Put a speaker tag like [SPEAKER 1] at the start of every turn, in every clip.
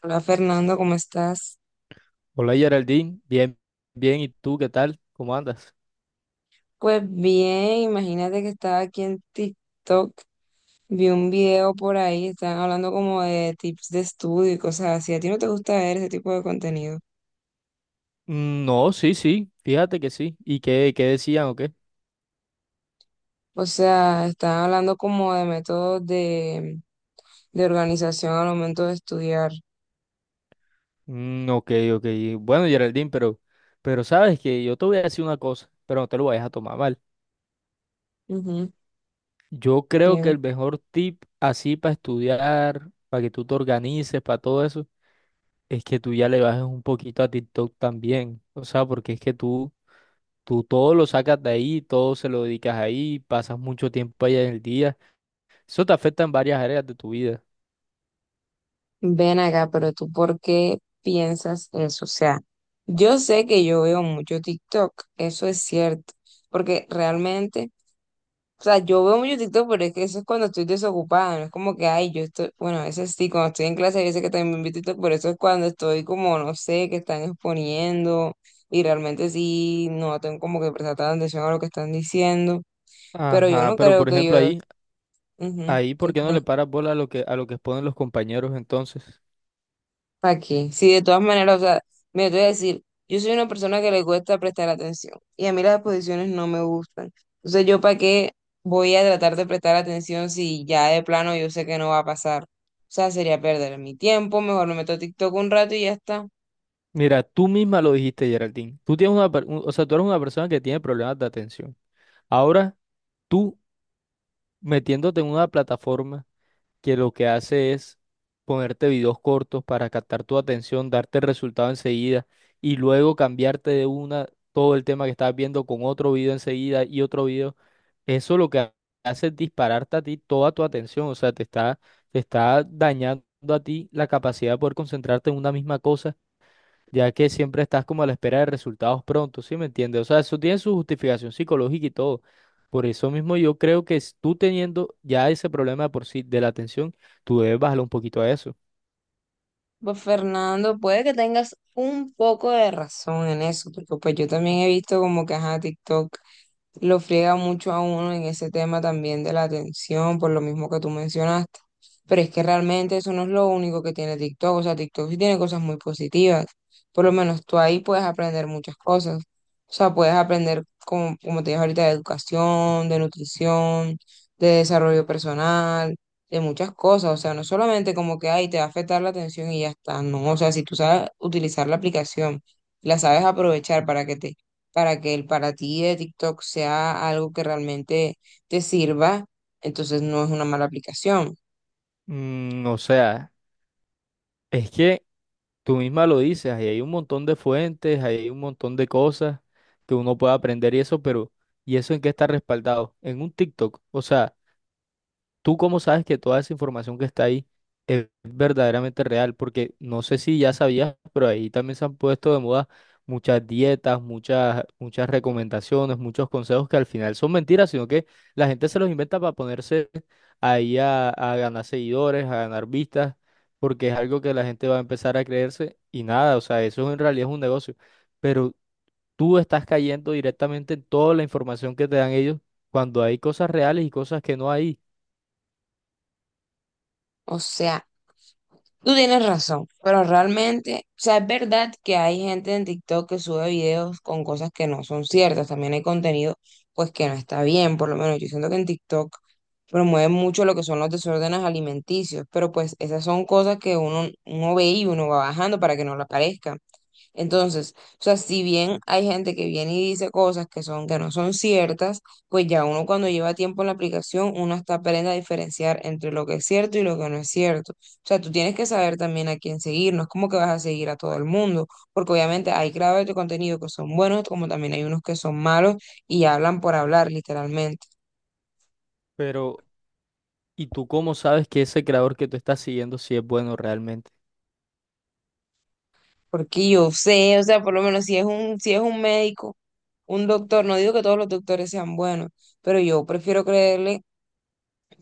[SPEAKER 1] Hola Fernando, ¿cómo estás?
[SPEAKER 2] Hola Geraldine, bien, bien, ¿y tú qué tal? ¿Cómo andas?
[SPEAKER 1] Pues bien, imagínate que estaba aquí en TikTok, vi un video por ahí, estaban hablando como de tips de estudio y cosas así. ¿A ti no te gusta ver ese tipo de contenido?
[SPEAKER 2] Mm, no, sí, sí, fíjate que sí. ¿Y qué decían o qué?
[SPEAKER 1] O sea, estaban hablando como de métodos de organización al momento de estudiar.
[SPEAKER 2] Mm, ok, ok. Bueno, Geraldine, pero sabes que yo te voy a decir una cosa, pero no te lo vayas a tomar mal.
[SPEAKER 1] Ujú,
[SPEAKER 2] Yo creo que
[SPEAKER 1] sí.
[SPEAKER 2] el mejor tip así para estudiar, para que tú te organices, para todo eso, es que tú ya le bajes un poquito a TikTok también. O sea, porque es que tú todo lo sacas de ahí, todo se lo dedicas ahí, pasas mucho tiempo allá en el día. Eso te afecta en varias áreas de tu vida.
[SPEAKER 1] Ven acá, pero tú ¿por qué piensas eso? O sea, yo sé que yo veo mucho TikTok, eso es cierto, porque realmente, o sea, yo veo mucho TikTok, pero es que eso es cuando estoy desocupada, no es como que, ay, yo estoy, bueno, ese sí, cuando estoy en clase, yo sé que también veo TikTok, pero eso es cuando estoy como, no sé, que están exponiendo y realmente sí, no tengo como que prestar tanta atención a lo que están diciendo, pero yo
[SPEAKER 2] Ajá,
[SPEAKER 1] no
[SPEAKER 2] pero
[SPEAKER 1] creo
[SPEAKER 2] por
[SPEAKER 1] que
[SPEAKER 2] ejemplo
[SPEAKER 1] yo,
[SPEAKER 2] ahí,
[SPEAKER 1] ujú,
[SPEAKER 2] ahí, ¿por
[SPEAKER 1] que
[SPEAKER 2] qué no
[SPEAKER 1] tiene.
[SPEAKER 2] le paras bola a lo que, exponen los compañeros entonces?
[SPEAKER 1] ¿Para qué? Si de todas maneras, o sea, me voy a decir, yo soy una persona que le cuesta prestar atención y a mí las exposiciones no me gustan. Entonces, ¿yo para qué voy a tratar de prestar atención si ya de plano yo sé que no va a pasar? O sea, sería perder mi tiempo, mejor me meto a TikTok un rato y ya está.
[SPEAKER 2] Mira, tú misma lo dijiste, Geraldine. Tú tienes una, o sea, tú eres una persona que tiene problemas de atención. Ahora, tú metiéndote en una plataforma que lo que hace es ponerte videos cortos para captar tu atención, darte el resultado enseguida y luego cambiarte de una todo el tema que estás viendo con otro video enseguida y otro video. Eso lo que hace es dispararte a ti toda tu atención, o sea, te está, dañando a ti la capacidad de poder concentrarte en una misma cosa, ya que siempre estás como a la espera de resultados prontos, ¿sí me entiendes? O sea, eso tiene su justificación psicológica y todo. Por eso mismo yo creo que tú teniendo ya ese problema de por sí de la atención, tú debes bajarle un poquito a eso.
[SPEAKER 1] Pues Fernando, puede que tengas un poco de razón en eso, porque pues yo también he visto como que ajá, TikTok lo friega mucho a uno en ese tema también de la atención, por lo mismo que tú mencionaste. Pero es que realmente eso no es lo único que tiene TikTok, o sea, TikTok sí tiene cosas muy positivas. Por lo menos tú ahí puedes aprender muchas cosas. O sea, puedes aprender, como, como te dije ahorita, de educación, de nutrición, de desarrollo personal de muchas cosas, o sea, no solamente como que, ay, te va a afectar la atención y ya está, no, o sea, si tú sabes utilizar la aplicación, la sabes aprovechar para que te, para que el para ti de TikTok sea algo que realmente te sirva, entonces no es una mala aplicación.
[SPEAKER 2] Mm, o sea, es que... Tú misma lo dices, ahí hay un montón de fuentes, ahí hay un montón de cosas que uno puede aprender y eso, pero ¿y eso en qué está respaldado? En un TikTok. O sea, ¿tú cómo sabes que toda esa información que está ahí es verdaderamente real? Porque no sé si ya sabías, pero ahí también se han puesto de moda muchas dietas, muchas recomendaciones, muchos consejos que al final son mentiras, sino que la gente se los inventa para ponerse ahí a ganar seguidores, a ganar vistas, porque es algo que la gente va a empezar a creerse y nada, o sea, eso en realidad es un negocio. Pero tú estás cayendo directamente en toda la información que te dan ellos cuando hay cosas reales y cosas que no hay.
[SPEAKER 1] O sea, tú tienes razón, pero realmente, o sea, es verdad que hay gente en TikTok que sube videos con cosas que no son ciertas, también hay contenido pues que no está bien, por lo menos yo siento que en TikTok promueven mucho lo que son los desórdenes alimenticios, pero pues esas son cosas que uno, uno ve y uno va bajando para que no le aparezcan. Entonces, o sea, si bien hay gente que viene y dice cosas que son, que no son ciertas, pues ya uno cuando lleva tiempo en la aplicación, uno hasta aprende a diferenciar entre lo que es cierto y lo que no es cierto. O sea, tú tienes que saber también a quién seguir, no es como que vas a seguir a todo el mundo, porque obviamente hay creadores de contenido que son buenos, como también hay unos que son malos y hablan por hablar, literalmente.
[SPEAKER 2] Pero ¿y tú cómo sabes que ese creador que tú estás siguiendo sí es bueno realmente?
[SPEAKER 1] Porque yo sé, o sea, por lo menos si es un, si es un médico, un doctor, no digo que todos los doctores sean buenos pero yo prefiero creerle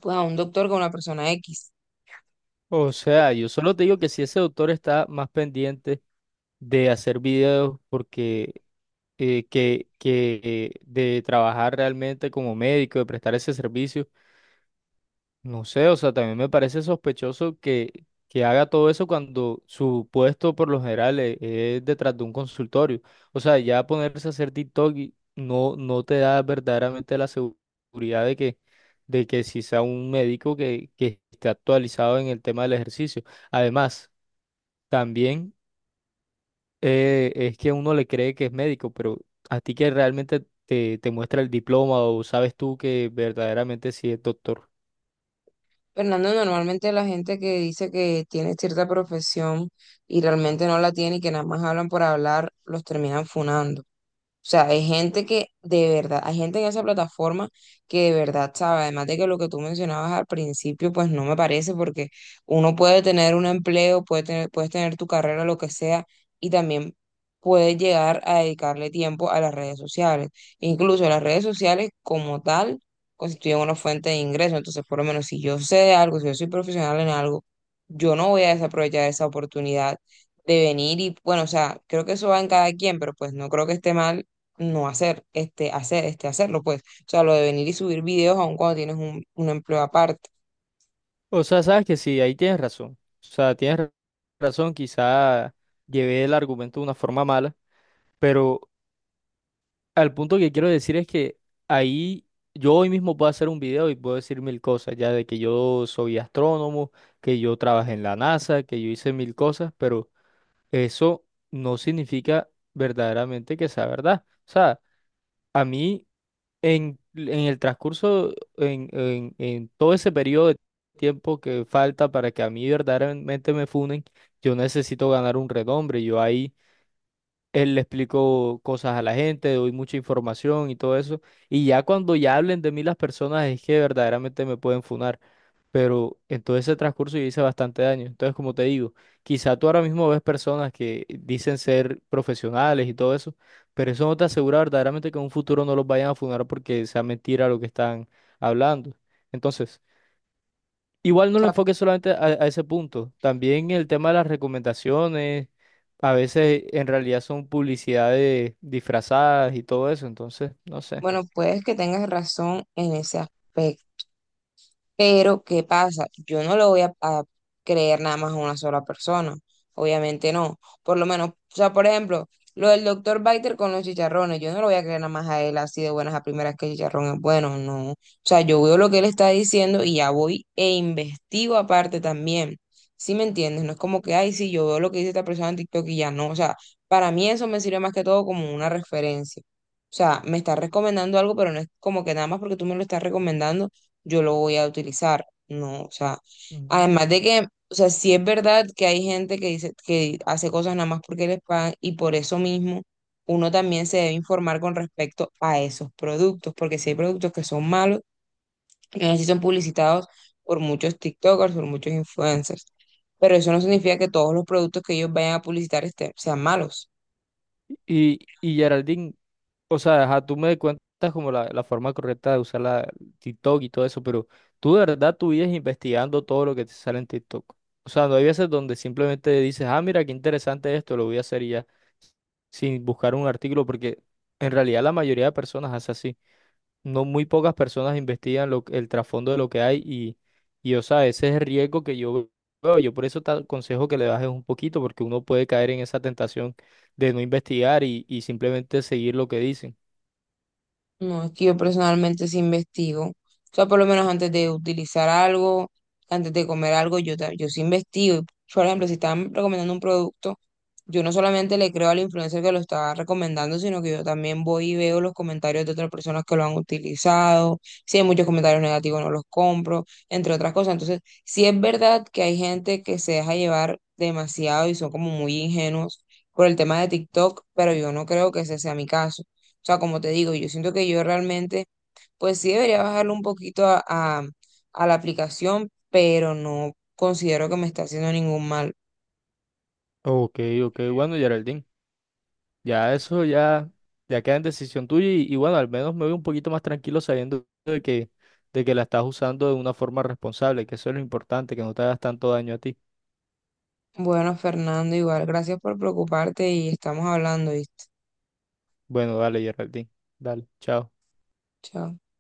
[SPEAKER 1] pues a un doctor que a una persona X.
[SPEAKER 2] O sea, yo solo te digo que si ese autor está más pendiente de hacer videos porque que de trabajar realmente como médico, de prestar ese servicio, no sé, o sea, también me parece sospechoso que, haga todo eso cuando su puesto por lo general es, detrás de un consultorio. O sea, ya ponerse a hacer TikTok y no, no te da verdaderamente la seguridad de que si sea un médico que, esté actualizado en el tema del ejercicio. Además, también es que uno le cree que es médico, pero a ti que realmente te, muestra el diploma o sabes tú que verdaderamente sí es doctor.
[SPEAKER 1] Fernando, normalmente la gente que dice que tiene cierta profesión y realmente no la tiene y que nada más hablan por hablar, los terminan funando. O sea, hay gente que de verdad, hay gente en esa plataforma que de verdad sabe, además de que lo que tú mencionabas al principio, pues no me parece, porque uno puede tener un empleo, puede tener, puedes tener tu carrera, lo que sea, y también puedes llegar a dedicarle tiempo a las redes sociales. Incluso las redes sociales como tal constituyen una fuente de ingreso, entonces por lo menos si yo sé de algo, si yo soy profesional en algo, yo no voy a desaprovechar esa oportunidad de venir y, bueno, o sea, creo que eso va en cada quien, pero pues no creo que esté mal no hacer, hacer, hacerlo, pues. O sea, lo de venir y subir videos aun cuando tienes un empleo aparte.
[SPEAKER 2] O sea, sabes que sí, ahí tienes razón. O sea, tienes razón, quizá llevé el argumento de una forma mala, pero al punto que quiero decir es que ahí yo hoy mismo puedo hacer un video y puedo decir mil cosas, ya de que yo soy astrónomo, que yo trabajé en la NASA, que yo hice mil cosas, pero eso no significa verdaderamente que sea verdad. O sea, a mí... En el transcurso, en todo ese periodo de tiempo que falta para que a mí verdaderamente me funen, yo necesito ganar un renombre. Yo ahí él le explicó cosas a la gente, doy mucha información y todo eso. Y ya cuando ya hablen de mí las personas es que verdaderamente me pueden funar. Pero en todo ese transcurso yo hice bastante daño. Entonces, como te digo, quizá tú ahora mismo ves personas que dicen ser profesionales y todo eso, pero eso no te asegura verdaderamente que en un futuro no los vayan a funar porque sea mentira lo que están hablando. Entonces, igual
[SPEAKER 1] O
[SPEAKER 2] no lo
[SPEAKER 1] sea,
[SPEAKER 2] enfoques solamente a ese punto. También el tema de las recomendaciones, a veces en realidad son publicidades disfrazadas y todo eso, entonces, no sé.
[SPEAKER 1] bueno, puedes que tengas razón en ese aspecto. Pero, ¿qué pasa? Yo no le voy a creer nada más a una sola persona. Obviamente no. Por lo menos, o sea, por ejemplo, lo del doctor Biter con los chicharrones, yo no lo voy a creer nada más a él así de buenas a primeras que el chicharrón es bueno, no. O sea, yo veo lo que él está diciendo y ya voy e investigo aparte también. ¿Sí me entiendes? No es como que, ay, sí, yo veo lo que dice esta persona en TikTok y ya no. O sea, para mí eso me sirve más que todo como una referencia. O sea, me estás recomendando algo, pero no es como que nada más porque tú me lo estás recomendando yo lo voy a utilizar, ¿no? O sea,
[SPEAKER 2] Ujú.
[SPEAKER 1] además de que, o sea, sí es verdad que hay gente que dice que hace cosas nada más porque les pagan y por eso mismo uno también se debe informar con respecto a esos productos, porque si hay productos que son malos, y así son publicitados por muchos TikTokers, por muchos influencers, pero eso no significa que todos los productos que ellos vayan a publicitar estén, sean malos.
[SPEAKER 2] Y Geraldine, o sea, ajá, tú me cuentas como la forma correcta de usar la TikTok y todo eso, pero tú de verdad tú vives investigando todo lo que te sale en TikTok. O sea, no hay veces donde simplemente dices, ah, mira, qué interesante esto, lo voy a hacer y ya, sin buscar un artículo, porque en realidad la mayoría de personas hace así. No muy pocas personas investigan el trasfondo de lo que hay y, o sea, ese es el riesgo que yo veo. Yo por eso te aconsejo que le bajes un poquito, porque uno puede caer en esa tentación de no investigar y simplemente seguir lo que dicen.
[SPEAKER 1] No, es que yo personalmente sí investigo. O sea, por lo menos antes de utilizar algo, antes de comer algo, yo, yo sí investigo. Por ejemplo, si están recomendando un producto. Yo no solamente le creo al influencer que lo está recomendando, sino que yo también voy y veo los comentarios de otras personas que lo han utilizado. Si hay muchos comentarios negativos, no los compro, entre otras cosas. Entonces, sí es verdad que hay gente que se deja llevar demasiado y son como muy ingenuos por el tema de TikTok, pero yo no creo que ese sea mi caso. O sea, como te digo, yo siento que yo realmente, pues sí debería bajarle un poquito a a la aplicación, pero no considero que me está haciendo ningún mal.
[SPEAKER 2] Ok, ok, bueno, Geraldine, ya eso ya queda en decisión tuya y bueno, al menos me voy un poquito más tranquilo sabiendo de que la estás usando de una forma responsable, que eso es lo importante, que no te hagas tanto daño a ti.
[SPEAKER 1] Bueno, Fernando, igual, gracias por preocuparte y estamos hablando, ¿viste?
[SPEAKER 2] Bueno, dale, Geraldine, dale, chao.
[SPEAKER 1] Chao.